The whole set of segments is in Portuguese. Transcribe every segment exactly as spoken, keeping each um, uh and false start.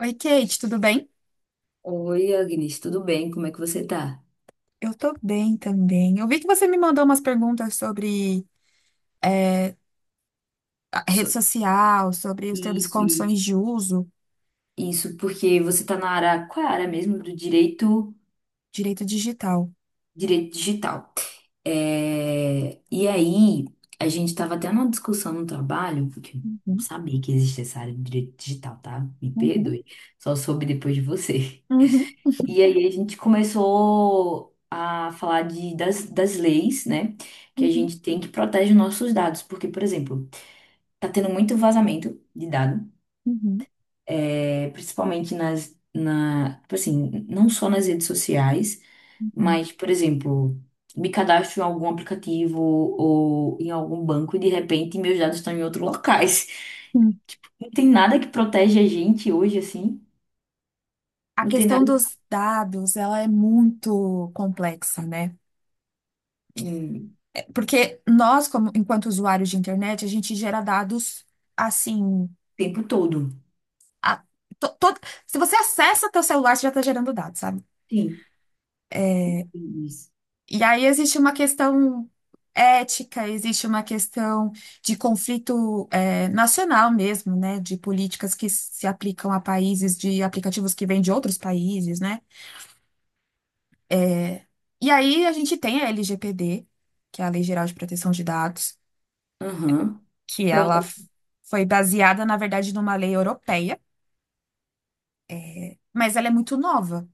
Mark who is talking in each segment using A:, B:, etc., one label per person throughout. A: Oi, Kate, tudo bem?
B: Oi, Agnes, tudo bem? Como é que você tá?
A: Eu tô bem também. Eu vi que você me mandou umas perguntas sobre é, a rede
B: So-
A: social, sobre os termos e
B: Isso, isso,
A: condições de uso,
B: isso, porque você tá na área, qual é a área mesmo do direito,
A: direito digital.
B: direito digital. É, e aí, a gente tava até numa discussão no trabalho, porque eu não
A: Uhum,
B: sabia que existia essa área de direito digital, tá? Me
A: uhum,
B: perdoe, só soube depois de você.
A: uhum,
B: E aí a gente começou a falar de, das, das leis, né? Que a
A: uhum,
B: gente tem que proteger nossos dados, porque, por exemplo, tá tendo muito vazamento de dado.
A: uhum,
B: É, principalmente nas, na, tipo assim, não só nas redes sociais,
A: uhum.
B: mas, por exemplo, me cadastro em algum aplicativo ou em algum banco e de repente meus dados estão em outros locais.
A: Sim.
B: Não tem nada que protege a gente hoje, assim.
A: A
B: Não tem
A: questão
B: nada,
A: dos dados, ela é muito complexa, né?
B: hum, o
A: É, porque nós, como enquanto usuários de internet, a gente gera dados assim.
B: tempo todo.
A: a- to- todo- Se você acessa teu celular, você já está gerando dados, sabe?
B: Sim, compreendo isso.
A: E aí existe uma questão ética, existe uma questão de conflito é, nacional mesmo, né? De políticas que se aplicam a países, de aplicativos que vêm de outros países, né? É, e aí a gente tem a L G P D, que é a Lei Geral de Proteção de Dados,
B: Aham.
A: que ela
B: Pronto.
A: f- foi baseada, na verdade, numa lei europeia, mas ela é muito nova.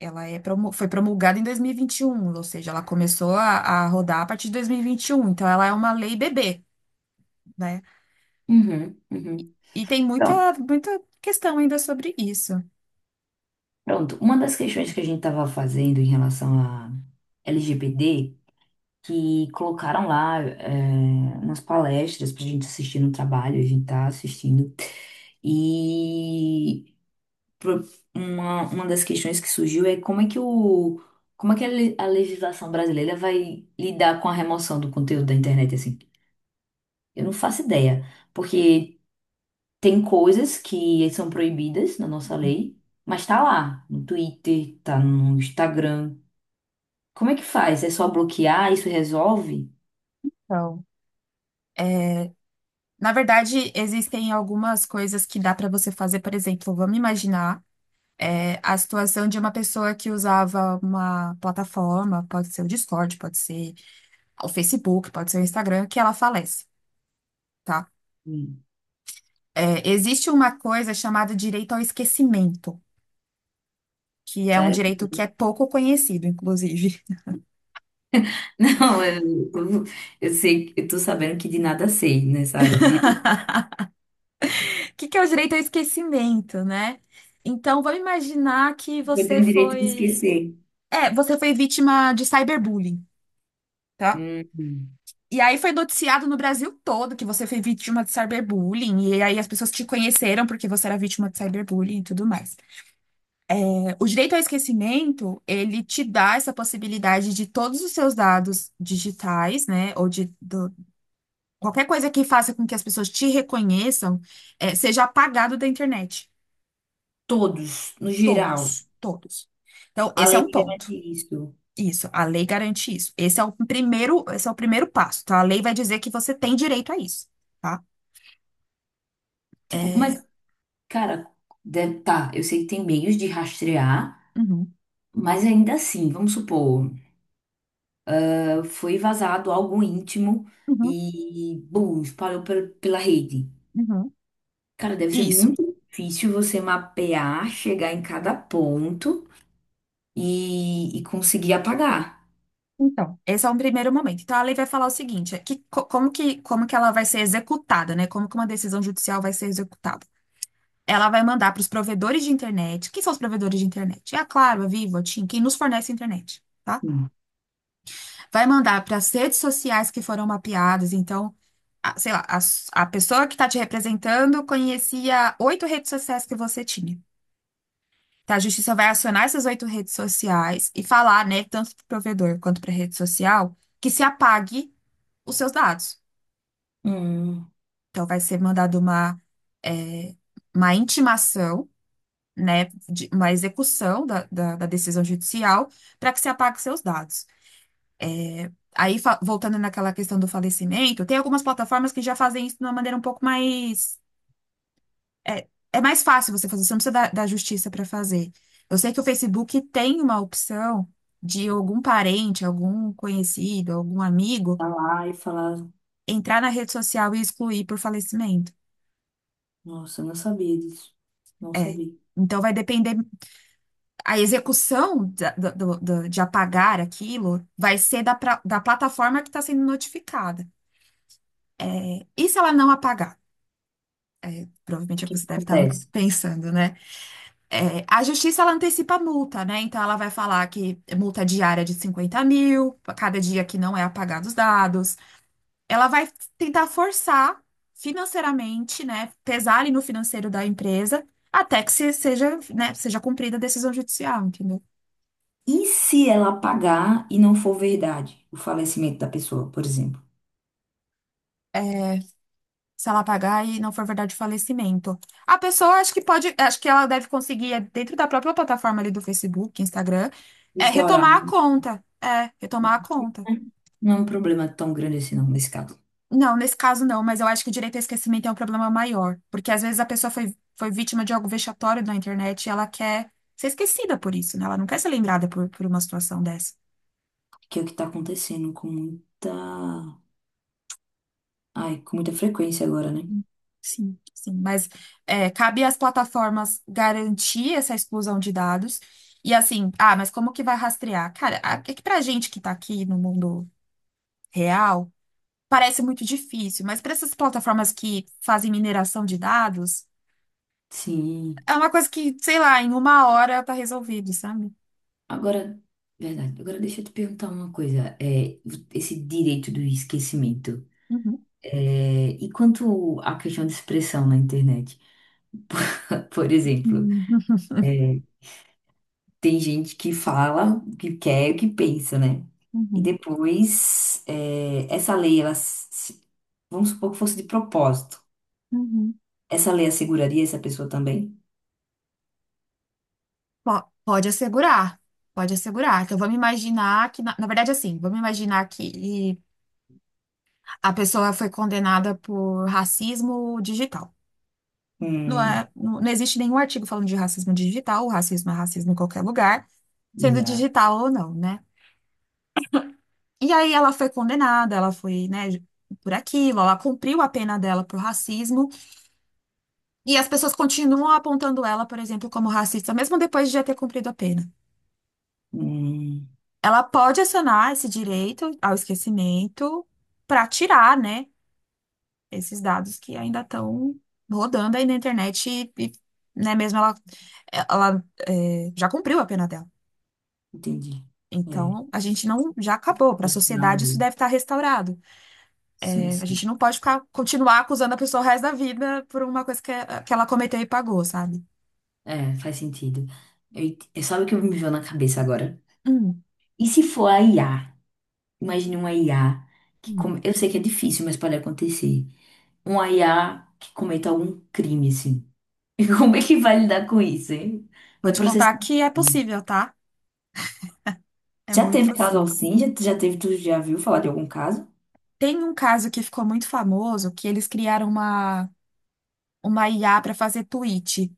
A: Ela é promu- foi promulgada em dois mil e e vinte e um, ou seja, ela começou a, a rodar a partir de dois mil e e vinte e um, então ela é uma lei bebê. Né?
B: Uhum, uhum.
A: E tem
B: Pronto.
A: muita, muita questão ainda sobre isso.
B: Pronto. Uma das questões que a gente estava fazendo em relação a L G B T que colocaram lá é, umas palestras pra gente assistir no trabalho, a gente tá assistindo. E pro- uma, uma das questões que surgiu é como é que o, como é que a le- a legislação brasileira vai lidar com a remoção do conteúdo da internet, assim? Eu não faço ideia, porque tem coisas que são proibidas na nossa lei, mas tá lá, no Twitter, tá no Instagram. Como é que faz? É só bloquear? Isso resolve?
A: Então, é, na verdade, existem algumas coisas que dá para você fazer. Por exemplo, vamos imaginar, é, a situação de uma pessoa que usava uma plataforma, pode ser o Discord, pode ser o Facebook, pode ser o Instagram, que ela falece, tá?
B: Hum,
A: É, existe uma coisa chamada direito ao esquecimento, que é um
B: sério?
A: direito que é pouco conhecido, inclusive.
B: Não, eu, eu eu sei, eu tô sabendo que de nada sei nessa área. De,
A: O que que é o direito ao esquecimento, né? Então, vamos imaginar que
B: eu
A: você
B: tenho direito de
A: foi.
B: esquecer.
A: É, você foi vítima de cyberbullying, tá?
B: Hum,
A: E aí foi noticiado no Brasil todo que você foi vítima de cyberbullying, e aí as pessoas te conheceram porque você era vítima de cyberbullying e tudo mais. É, O direito ao esquecimento, ele te dá essa possibilidade de todos os seus dados digitais, né, ou de do- qualquer coisa que faça com que as pessoas te reconheçam, é, seja apagado da internet.
B: todos, no geral.
A: Todos, todos. Então,
B: A
A: esse é
B: lei
A: um
B: me garante
A: ponto.
B: isso.
A: Isso, a lei garante isso. Esse é o primeiro, esse é o primeiro passo, tá? A lei vai dizer que você tem direito a isso, tá?
B: Tipo, mas, cara, deve, tá, eu sei que tem meios de rastrear,
A: Uhum,
B: mas ainda assim, vamos supor, eh, foi vazado algo íntimo
A: uhum,
B: e, bum, espalhou pe- pela rede.
A: uhum.
B: Cara, deve ser
A: Isso.
B: muito difícil você mapear, chegar em cada ponto e, e conseguir apagar.
A: Então, esse é um primeiro momento. Então, a lei vai falar o seguinte, é que, co- como que, como que ela vai ser executada, né? Como que uma decisão judicial vai ser executada? Ela vai mandar para os provedores de internet. Quem são os provedores de internet? É a Claro, a Vivo, a TIM, quem nos fornece internet. Tá? Vai mandar para as redes sociais que foram mapeadas. Então, a- sei lá, a, s- a pessoa que está te representando conhecia oito redes sociais que você tinha. Tá, a justiça vai acionar essas oito redes sociais e falar, né, tanto para o provedor quanto para a rede social, que se apague os seus dados.
B: Hum.
A: Então, vai ser mandado uma, é, uma intimação, né, de- uma execução da, da da decisão judicial para que se apague seus dados. Aí, fa- voltando naquela questão do falecimento, tem algumas plataformas que já fazem isso de uma maneira um pouco mais. É, é mais fácil você fazer, você não precisa da, da justiça para fazer. Eu sei que o Facebook tem uma opção de algum parente, algum conhecido, algum amigo
B: Tá lá e falar,
A: entrar na rede social e excluir por falecimento.
B: nossa, eu não sabia disso. Não
A: É.
B: sabia.
A: Então, vai depender. A execução da- da- do- do- de apagar aquilo vai ser da, pra- da plataforma que está sendo notificada. E se ela não apagar?
B: O
A: Provavelmente é o
B: que
A: que você
B: que
A: deve estar
B: acontece?
A: pensando, né? É, a justiça, ela antecipa a multa, né? Então, ela vai falar que é multa diária de cinquenta mil, pra cada dia que não é apagado os dados. Ela vai tentar forçar financeiramente, né? Pesar ali no financeiro da empresa, até que se- seja, né, seja cumprida a decisão judicial, entendeu?
B: E se ela apagar e não for verdade o falecimento da pessoa, por exemplo?
A: Se ela pagar e não for verdade o falecimento. A pessoa, acho que pode, acho que ela deve conseguir, é, dentro da própria plataforma ali do Facebook, Instagram, é,
B: Restaurar,
A: retomar a conta. É, retomar a
B: né?
A: conta.
B: Não é um problema tão grande assim, não, nesse caso.
A: Não, nesse caso não, mas eu acho que o direito ao esquecimento é um problema maior, porque às vezes a pessoa foi, foi vítima de algo vexatório na internet e ela quer ser esquecida por isso, né? Ela não quer ser lembrada por, por uma situação dessa.
B: Que é o que tá acontecendo com muita. Ai, com muita frequência agora, né?
A: Sim. Sim, mas é, cabe às plataformas garantir essa exclusão de dados. E assim, ah, mas como que vai rastrear? Cara, a- é que pra gente que tá aqui no mundo real, parece muito difícil, mas para essas plataformas que fazem mineração de dados,
B: Sim.
A: é uma coisa que, sei lá, em uma hora tá resolvido, sabe?
B: Agora, verdade. Agora deixa eu te perguntar uma coisa. É, esse direito do esquecimento.
A: Uhum,
B: É, e quanto à questão de expressão na internet? Por exemplo.
A: uhum,
B: Tem gente que fala o que quer, e o que pensa, né? E
A: uhum,
B: depois, é, essa lei, ela, se- vamos supor que fosse de propósito.
A: uhum.
B: Essa lei asseguraria essa pessoa também?
A: Po- Pode assegurar, pode assegurar. Então, vamos imaginar que, na, na verdade, assim, vamos imaginar que a pessoa foi condenada por racismo digital. Não
B: Hum,
A: é, não, não existe nenhum artigo falando de racismo digital, o racismo é racismo em qualquer lugar, sendo
B: exato.
A: digital ou não, né? E aí ela foi condenada, ela foi, né, por aquilo, ela cumpriu a pena dela por racismo, e as pessoas continuam apontando ela, por exemplo, como racista, mesmo depois de já ter cumprido a pena.
B: Hum,
A: Ela pode acionar esse direito ao esquecimento para tirar, né, esses dados que ainda estão rodando aí na internet e, e, né, mesmo ela, ela é, já cumpriu a pena dela.
B: entendi. É,
A: Então, a gente não, já acabou. Para a
B: assinar a.
A: sociedade, isso deve estar restaurado.
B: Sim,
A: É, a
B: sim.
A: gente não pode ficar, continuar acusando a pessoa o resto da vida por uma coisa que, que ela cometeu e pagou, sabe?
B: É, faz sentido. Eu, ent- eu- sabe o que me veio na cabeça agora?
A: Hum,
B: E se for a I A? Imagine uma I A que
A: hum.
B: com- eu sei que é difícil, mas pode acontecer. Uma I A que cometa algum crime, assim. E como é que vai lidar com isso, hein?
A: Vou
B: Vai
A: te contar
B: processar.
A: que é possível, tá? É
B: Já
A: muito
B: teve caso
A: possível.
B: assim? Já, já teve, tu já viu falar de algum caso?
A: Tem um caso que ficou muito famoso, que eles criaram uma uma I A para fazer tweet,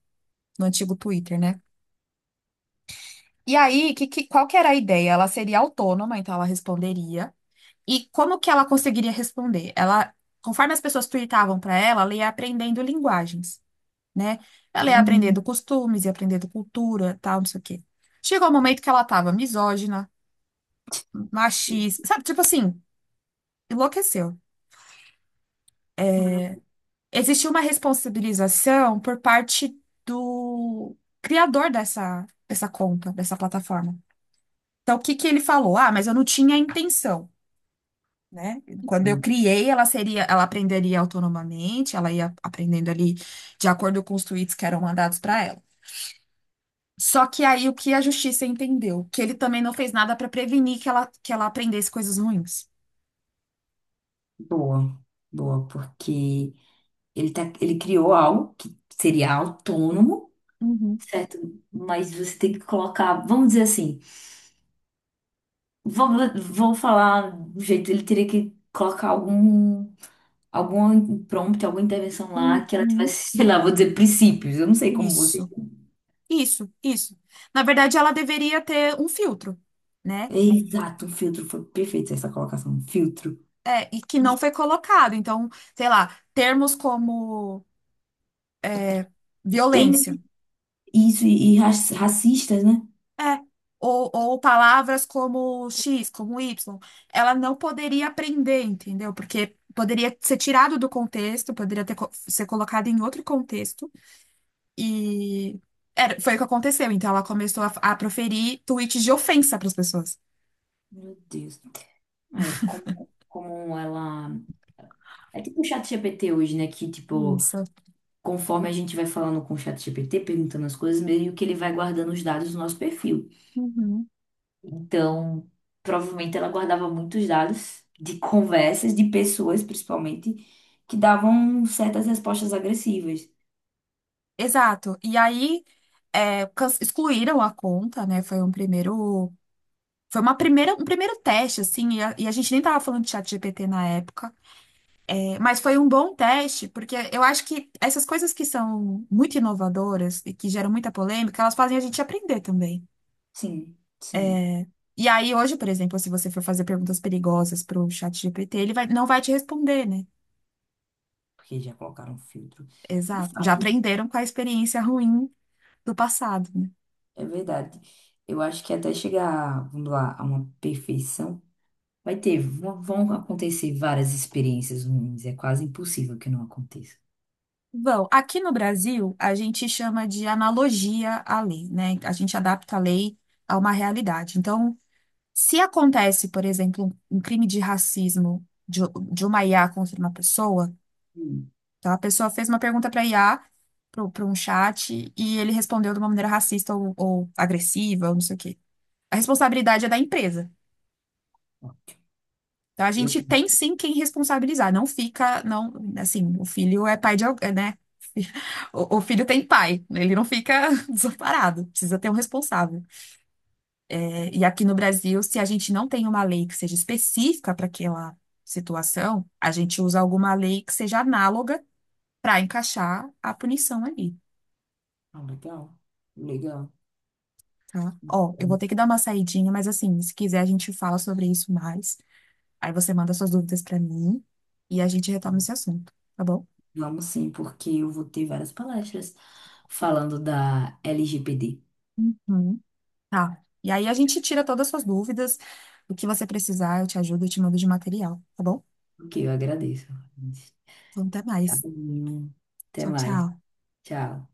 A: no antigo Twitter, né? E aí, que, que- qual que era a ideia? Ela seria autônoma, então ela responderia. E como que ela conseguiria responder? Ela, conforme as pessoas tweetavam para ela, ela ia aprendendo linguagens, né? Ela ia
B: Uhum.
A: aprendendo costumes, ia aprendendo cultura, tal, não sei o quê. Chegou o momento que ela estava misógina, machista, sabe? Tipo assim, enlouqueceu.
B: Ah,
A: Existiu uma responsabilização por parte do criador dessa, dessa conta, dessa plataforma. Então, o que que ele falou? Ah, mas eu não tinha intenção, né? Quando eu criei, ela seria, ela aprenderia autonomamente, ela ia aprendendo ali de acordo com os tweets que eram mandados para ela. Só que aí o que a justiça entendeu? Que ele também não fez nada para prevenir que ela, que ela aprendesse coisas ruins.
B: boa, boa, porque ele, tá, ele criou algo que seria autônomo,
A: Uhum,
B: certo? Mas você tem que colocar, vamos dizer assim, vou, vou falar do jeito, ele teria que colocar algum. Algum impromptu, alguma intervenção lá que ela
A: uhum.
B: tivesse, sei lá, vou dizer, princípios. Eu não sei como você.
A: Isso, isso, isso. Na verdade, ela deveria ter um filtro, né?
B: Exato, um filtro foi perfeito essa colocação, um filtro.
A: É, e que não foi colocado. Então, sei lá, termos como
B: Tem.
A: violência.
B: Isso, e, e raci- racistas, né?
A: É. Ou, ou palavras como X, como Y. Ela não poderia aprender, entendeu? Porque poderia ser tirado do contexto, poderia ter, co- ser colocado em outro contexto. E era, foi o que aconteceu. Então ela começou a, a proferir tweets de ofensa para as pessoas.
B: Meu Deus. É, como, como ela. É tipo o chat G P T hoje, né? Que, tipo,
A: Isso.
B: conforme a gente vai falando com o chat G P T perguntando as coisas, meio que ele vai guardando os dados do nosso perfil.
A: Uhum.
B: Então, provavelmente ela guardava muitos dados de conversas de pessoas, principalmente, que davam certas respostas agressivas.
A: Exato. E aí é, can- excluíram a conta, né? Foi um primeiro. Foi uma primeira, um primeiro teste, assim, e a, e a gente nem tava falando de chat G P T na época. Mas foi um bom teste, porque eu acho que essas coisas que são muito inovadoras e que geram muita polêmica, elas fazem a gente aprender também.
B: Sim, sim,
A: E aí, hoje, por exemplo, se você for fazer perguntas perigosas para o chat G P T, ele vai- não vai te responder, né?
B: porque já colocaram filtro. De
A: Exato. Já
B: fato,
A: aprenderam com a experiência ruim do passado, né?
B: é verdade. Eu acho que até chegar, vamos lá, a uma perfeição, vai ter, vão vão acontecer várias experiências ruins. É quase impossível que não aconteça.
A: Bom, aqui no Brasil, a gente chama de analogia à lei, né? A gente adapta a lei a uma realidade. Então, se acontece, por exemplo, um crime de racismo de, de uma I A contra uma pessoa,
B: Hum.
A: então, a pessoa fez uma pergunta para I A, para um chat, e ele respondeu de uma maneira racista ou, ou agressiva, ou não sei o quê. A responsabilidade é da empresa. Então, a
B: Eu
A: gente
B: penso,
A: tem sim quem responsabilizar. Não fica, não, assim, o filho é pai de alguém, né? O, o filho tem pai, ele não fica desamparado, precisa ter um responsável. É, e aqui no Brasil, se a gente não tem uma lei que seja específica para aquela situação, a gente usa alguma lei que seja análoga para encaixar a punição ali.
B: ah, legal, legal.
A: Tá? Ó, eu vou ter que dar uma saidinha, mas assim, se quiser a gente fala sobre isso mais. Aí você manda suas dúvidas pra mim e a gente retoma esse assunto, tá bom?
B: Vamos sim, porque eu vou ter várias palestras falando da L G P D,
A: Uhum. Tá. E aí a gente tira todas as suas dúvidas, o que você precisar, eu te ajudo, eu te mando de material, tá bom?
B: que eu agradeço.
A: Então até
B: Tchau,
A: mais.
B: até
A: Tchau,
B: mais.
A: tchau.
B: Tchau.